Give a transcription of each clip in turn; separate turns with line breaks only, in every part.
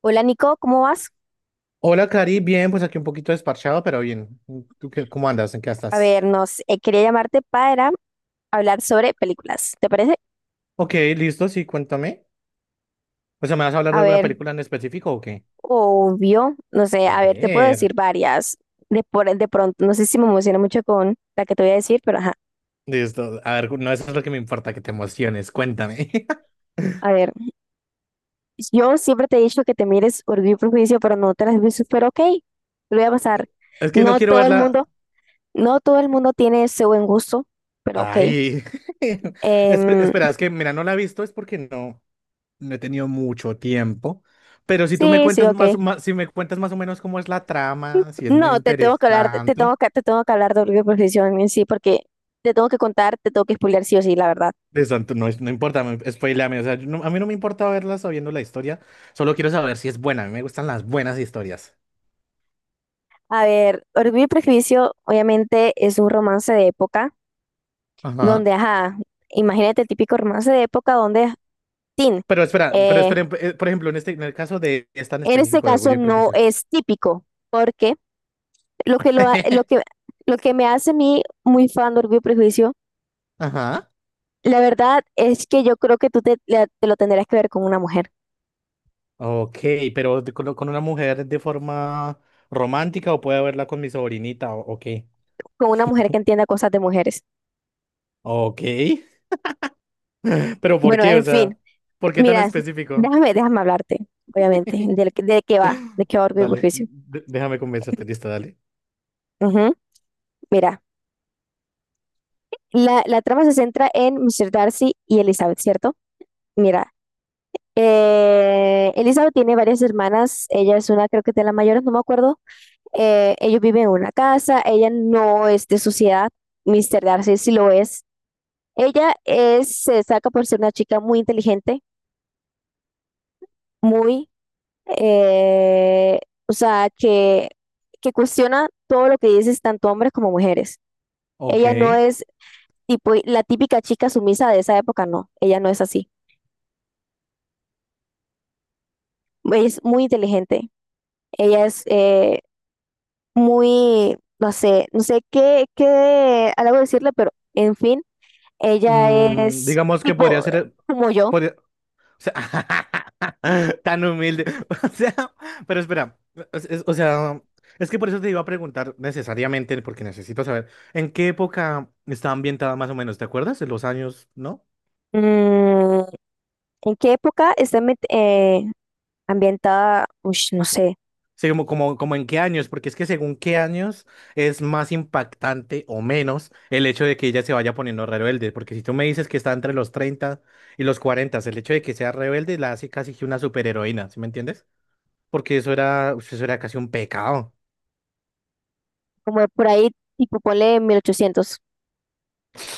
Hola Nico, ¿cómo vas?
Hola, Cari. Bien, pues aquí un poquito desparchado, pero bien. ¿Tú qué, cómo andas? ¿En qué
A
estás?
ver, nos quería llamarte para hablar sobre películas, ¿te parece?
Ok, listo, sí, cuéntame. O sea, ¿me vas a hablar de
A
alguna
ver,
película en específico o qué?
obvio, no sé,
A
a ver, te puedo
ver.
decir varias de pronto, no sé si me emociona mucho con la que te voy a decir, pero ajá,
Listo. A ver, no, eso es lo que me importa, que te emociones. Cuéntame.
a ver, yo siempre te he dicho que te mires Orgullo y Prejuicio, pero no te las has visto, pero ok, te lo voy a pasar.
Es que no
No
quiero
todo el mundo,
verla.
no todo el mundo tiene ese buen gusto, pero ok.
Ay.
Em,
Espera, es que, mira, no la he visto, es porque no he tenido mucho tiempo. Pero si tú me
sí, sí,
cuentas
ok.
más, si me cuentas más o menos cómo es la trama, si es muy
No, te tengo que hablar,
interesante.
de Orgullo y Prejuicio en sí, porque te tengo que contar, te tengo que spoilear sí o sí, la verdad.
Eso no, no importa, spoileame, o sea, yo no- a mí no me importa verla sabiendo la historia, solo quiero saber si es buena, a mí me gustan las buenas historias.
A ver, Orgullo y Prejuicio obviamente es un romance de época
Ajá.
donde, ajá, imagínate el típico romance de época donde, tin,
Pero
eh,
espera por ejemplo, en el caso de es tan
en este
específico de
caso
Orgullo y
no
Prejuicio.
es típico, porque lo que, lo, ha- lo que me hace a mí muy fan de Orgullo y Prejuicio,
Ajá.
la verdad es que yo creo que tú te lo tendrías que ver
Ok, pero con una mujer de forma romántica o puedo verla con mi sobrinita, ok.
con una mujer que entienda cosas de mujeres.
Ok, pero ¿por
Bueno,
qué? O
en fin.
sea, ¿por qué tan
Mira,
específico?
déjame hablarte, obviamente, de qué va Orgullo y
Dale,
Prejuicio.
déjame convencerte, listo, dale.
Ujú. Mira, la trama se centra en Mr. Darcy y Elizabeth, ¿cierto? Mira, Elizabeth tiene varias hermanas, ella es una, creo que de las mayores, no me acuerdo. Ellos viven en una casa, ella no es de sociedad, Mr. Darcy sí lo es. Ella es, se destaca por ser una chica muy inteligente, muy eh, o sea, que cuestiona todo lo que dices tanto hombres como mujeres.
Ok.
Ella no es tipo la típica chica sumisa de esa época, no, ella no es así. Ella es muy inteligente, ella es muy, no sé qué algo decirle, pero en fin, ella
Mm,
es
digamos que podría
tipo
ser.
como yo.
Por- o sea, tan humilde. O sea, pero espera. O sea, es que por eso te iba a preguntar necesariamente, porque necesito saber en qué época está ambientada más o menos, ¿te acuerdas? En los años, ¿no?
Mm, ¿En qué época está ambientada? Ush, no sé,
Sí, como en qué años, porque es que según qué años es más impactante o menos el hecho de que ella se vaya poniendo rebelde, porque si tú me dices que está entre los 30 y los 40, el hecho de que sea rebelde la hace casi que una superheroína, ¿sí me entiendes? Porque eso era casi un pecado.
como por ahí, tipo ponle 1800.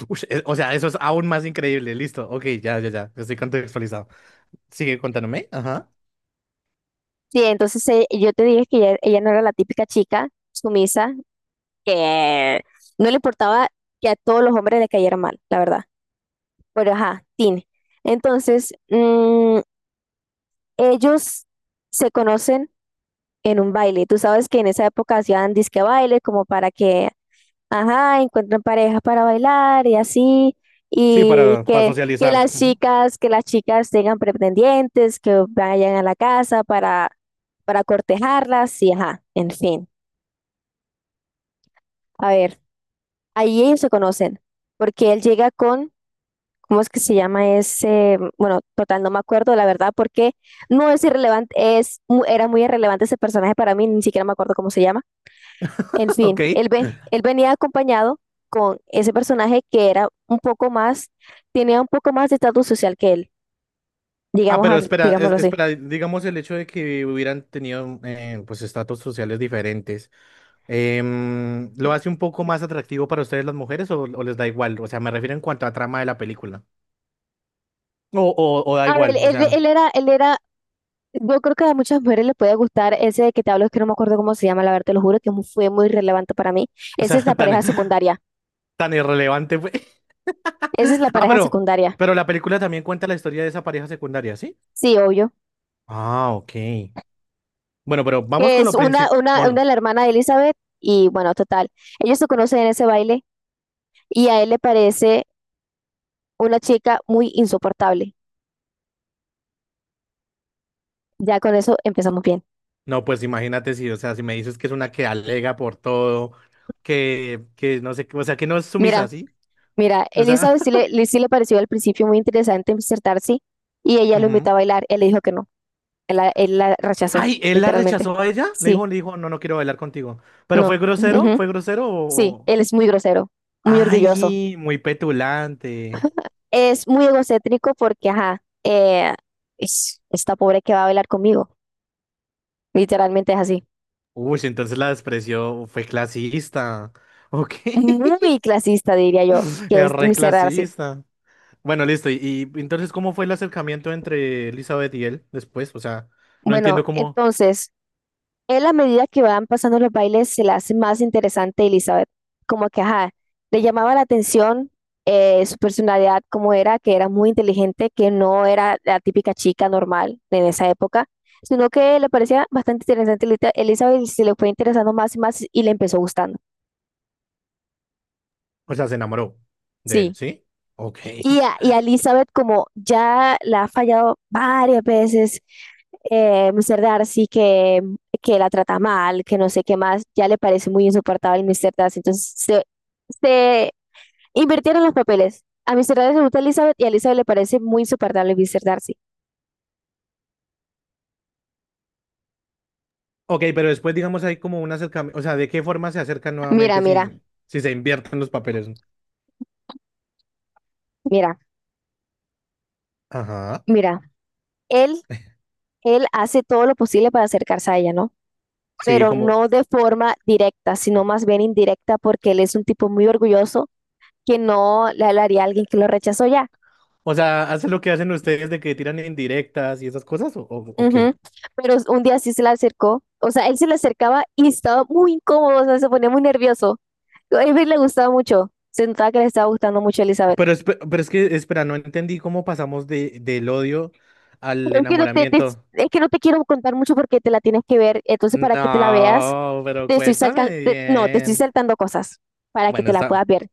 Ush, o sea, eso es aún más increíble. Listo. Ok, ya. Estoy contextualizado. Sigue contándome. Ajá.
Sí, entonces yo te dije que ella no era la típica chica sumisa que no le importaba que a todos los hombres le cayeran mal, la verdad. Pero ajá, Tin. Entonces, ellos se conocen en un baile. Tú sabes que en esa época hacían disque baile como para que, ajá, encuentren parejas para bailar y así.
Sí,
Y
para
que, que
socializar.
las
Ujú.
chicas, que las chicas tengan pretendientes, que vayan a la casa para cortejarlas y ajá, en fin. A ver, ahí ellos se conocen, porque él llega con, ¿cómo es que se llama ese? Bueno, total, no me acuerdo, la verdad, porque no es irrelevante, era muy irrelevante ese personaje para mí, ni siquiera me acuerdo cómo se llama. En fin,
Ok.
él venía acompañado con ese personaje que era un poco más, tenía un poco más de estatus social que él,
Ah, pero espera,
digámoslo así.
espera. Digamos el hecho de que hubieran tenido pues estatus sociales diferentes. ¿Lo hace un poco más atractivo para ustedes las mujeres o les da igual? O sea, me refiero en cuanto a trama de la película. O da
A ver,
igual, o sea, no.
él era. Yo creo que a muchas mujeres les puede gustar ese que te hablo, es que no me acuerdo cómo se llama, la verdad, te lo juro que fue muy relevante para mí.
O
Esa
sea,
es la pareja secundaria.
tan irrelevante fue.
Esa es la
Ah,
pareja secundaria.
pero la película también cuenta la historia de esa pareja secundaria, ¿sí?
Sí, obvio.
Ah, ok. Bueno, pero vamos
Que
con
es
lo
una, una,
principal.
una de la hermana de Elizabeth y bueno, total. Ellos se conocen en ese baile y a él le parece una chica muy insoportable. Ya con eso empezamos bien.
No, pues imagínate si, o sea, si me dices que es una que alega por todo, que no sé, qué, o sea, que no es sumisa,
Mira,
¿sí?
mira,
O sea,
Elizabeth sí le pareció al principio muy interesante insertarse y ella lo invitó
ujú.
a bailar. Él le dijo que no. Él la rechazó,
Ay, él la
literalmente.
rechazó a ella.
Sí.
Le dijo, no, no quiero bailar contigo. ¿Pero fue
No.
grosero?
Ujú.
¿Fue grosero
Sí,
o...?
él es muy grosero, muy orgulloso.
Ay, muy petulante.
Es muy egocéntrico porque, ajá, esta pobre que va a bailar conmigo. Literalmente es así.
Uy, si entonces la despreció, fue clasista. Ok,
Muy clasista, diría yo, que
es
es
re
mi ser Darcy.
clasista. Bueno, listo. Y entonces, ¿cómo fue el acercamiento entre Elizabeth y él después? O sea, no
Bueno,
entiendo cómo,
entonces. Él a medida que van pasando los bailes se le hace más interesante Elizabeth, como que, ajá, le llamaba la atención su personalidad, como era, que era muy inteligente, que no era la típica chica normal en esa época, sino que le parecía bastante interesante Elizabeth y se le fue interesando más y más y le empezó gustando.
o sea, se enamoró de él,
Sí.
¿sí? Ok.
Y a Elizabeth, como ya la ha fallado varias veces, Mr. Darcy, que la trata mal, que no sé qué más, ya le parece muy insoportable Mr. Darcy. Entonces se invirtieron los papeles. A Mr. Darcy le gusta Elizabeth y a Elizabeth le parece muy insoportable Mr. Darcy.
Ok, pero después, digamos, hay como un acercamiento, o sea, ¿de qué forma se acercan
Mira,
nuevamente
mira,
si, si se invierten los papeles?
mira,
Ajá.
mira. Él, él hace todo lo posible para acercarse a ella, ¿no?
Sí,
Pero
como,
no de forma directa, sino más bien indirecta, porque él es un tipo muy orgulloso que no le hablaría a alguien que lo rechazó ya.
o sea, ¿hacen lo que hacen ustedes de que tiran indirectas y esas cosas? O qué?
Ujú. Pero un día sí se le acercó, o sea, él se le acercaba y estaba muy incómodo, o sea, se ponía muy nervioso. A Avery le gustaba mucho, se notaba que le estaba gustando mucho a Elizabeth.
Pero, pero es que, espera, no entendí cómo pasamos de, del odio al
Es que no te, te-
enamoramiento.
es que no te quiero contar mucho porque te la tienes que ver, entonces para que te la veas,
No, pero
te estoy salcan-
cuéntame
te- no, te estoy
bien.
saltando cosas para que
Bueno,
te la
está.
puedas ver.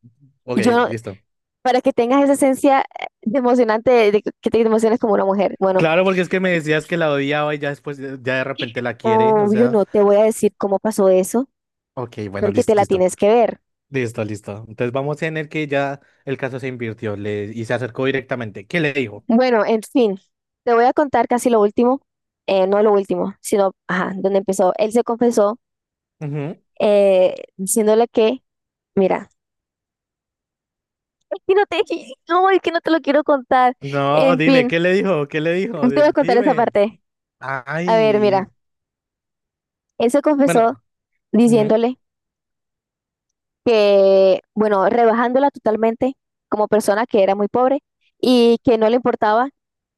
Ok,
Y yo,
listo.
para que tengas esa esencia de emocionante, de que te emociones como una mujer. Bueno,
Claro, porque es que me decías que la odiaba y ya después, ya de repente la quiere, o
obvio
sea.
no te voy a decir cómo pasó eso
Ok, bueno,
porque te la
listo.
tienes que ver.
Listo. Entonces vamos en el que ya el caso se invirtió le, y se acercó directamente. ¿Qué le dijo?
Bueno, en fin, te voy a contar casi lo último, no lo último, sino, ajá, donde empezó. Él se confesó
Ujú.
diciéndole que, mira, es que no te, no, es que no te lo quiero contar.
No,
En
dime, ¿qué
fin,
le dijo? ¿Qué le dijo?
te voy a contar esa
Dime.
parte. A ver,
Ay.
mira, él se confesó
Bueno, ujú.
diciéndole que, bueno, rebajándola totalmente como persona que era muy pobre y que no le importaba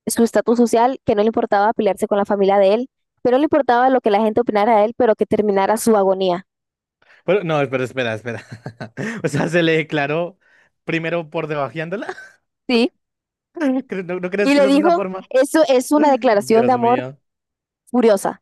su estatus social, que no le importaba pelearse con la familia de él, que no le importaba lo que la gente opinara de él, pero que terminara su agonía,
Pero no, espera. O sea, se le declaró primero por debajeándola.
¿sí?
¿No, no crees
Y
que
le
esa es una
dijo,
forma?
eso es una declaración
Dios
de amor
mío.
furiosa,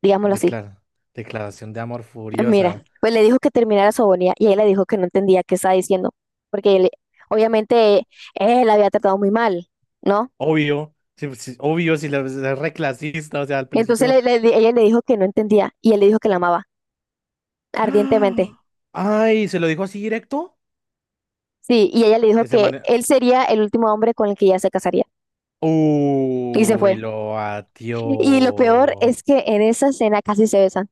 digámoslo así.
Declara- declaración de amor
Mira,
furiosa.
pues le dijo que terminara su agonía y ella le dijo que no entendía qué estaba diciendo, porque obviamente él la había tratado muy mal, ¿no?
Obvio, sí, sí, obvio, si la es reclasista, o sea, al
Entonces
principio.
ella le dijo que no entendía y él le dijo que la amaba ardientemente.
¡Ah! ¡Ay! ¿Se lo dijo así directo?
Sí, y ella le dijo
Ese
que
man.
él sería el último hombre con el que ella se casaría. Y se
Uy,
fue.
lo
Y lo peor
batió.
es que en esa escena casi se besan.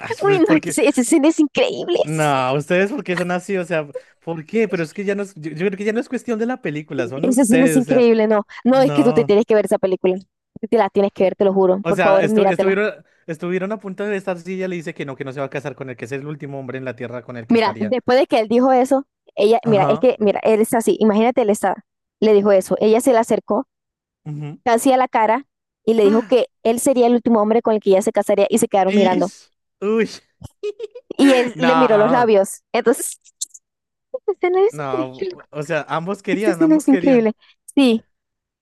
Ay,
Uy,
pues
no, es que
porque.
esa escena es increíble.
No, ustedes porque son así, o sea, ¿por qué? Pero es que ya no es. Yo creo que ya no es cuestión de la película, son
Esa escena es
ustedes, o sea,
increíble, no. No, es que tú te
no.
tienes que ver esa película. Tú te la tienes que ver, te lo juro.
O
Por
sea,
favor, míratela.
estuvieron, estuvieron a punto de estar si ella le dice que no se va a casar con él, que es el último hombre en la tierra con el que
Mira,
estaría.
después de que él dijo eso, ella, mira, es
Ajá.
que, mira, él está así. Imagínate, él está, le dijo eso. Ella se le acercó
Ujú.
casi a la cara y le dijo
¡Ah!
que él sería el último hombre con el que ella se casaría y se quedaron mirando.
Ish, uy.
Y él le miró los
No,
labios. Entonces, esa escena es
no.
increíble.
O sea,
Esa escena es
ambos
increíble.
querían.
Sí.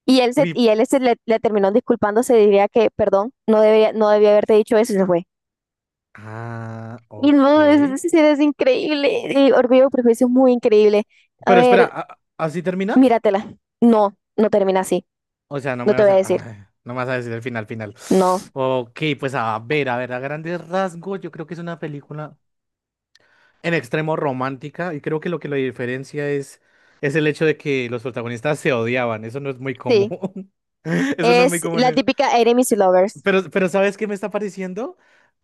Y él,
Uy.
y él se le terminó disculpando, se diría que, perdón, no debía haberte dicho eso y se fue.
Ah,
Y
ok.
no, es increíble. Y Orgullo y Prejuicio es muy increíble. A
Pero espera,
ver,
¿así termina?
míratela. No, no termina así.
O sea, no
No
me
te
vas
voy a
a.
decir.
Ay, no me vas a decir el final, final.
No.
Ok, pues a ver, a ver, a grandes rasgos, yo creo que es una película en extremo romántica. Y creo que lo diferencia es el hecho de que los protagonistas se odiaban. Eso no es muy
Sí.
común. Eso no es muy
Es la
común.
típica Enemies to Lovers.
Pero ¿sabes qué me está pareciendo?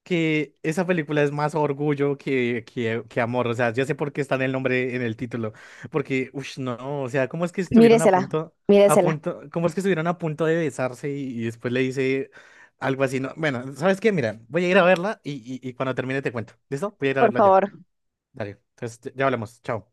Que esa película es más orgullo que, que amor. O sea, ya sé por qué está en el nombre, en el título. Porque, uff, no, o sea, ¿cómo es que estuvieron a
Míresela.
a
Míresela.
punto, cómo es que estuvieron a punto de besarse y después le dice algo así? No, bueno, ¿sabes qué? Mira, voy a ir a verla y, y cuando termine te cuento. ¿Listo? Voy a ir a
Por
verla ya.
favor.
Dale, entonces ya hablamos. Chao.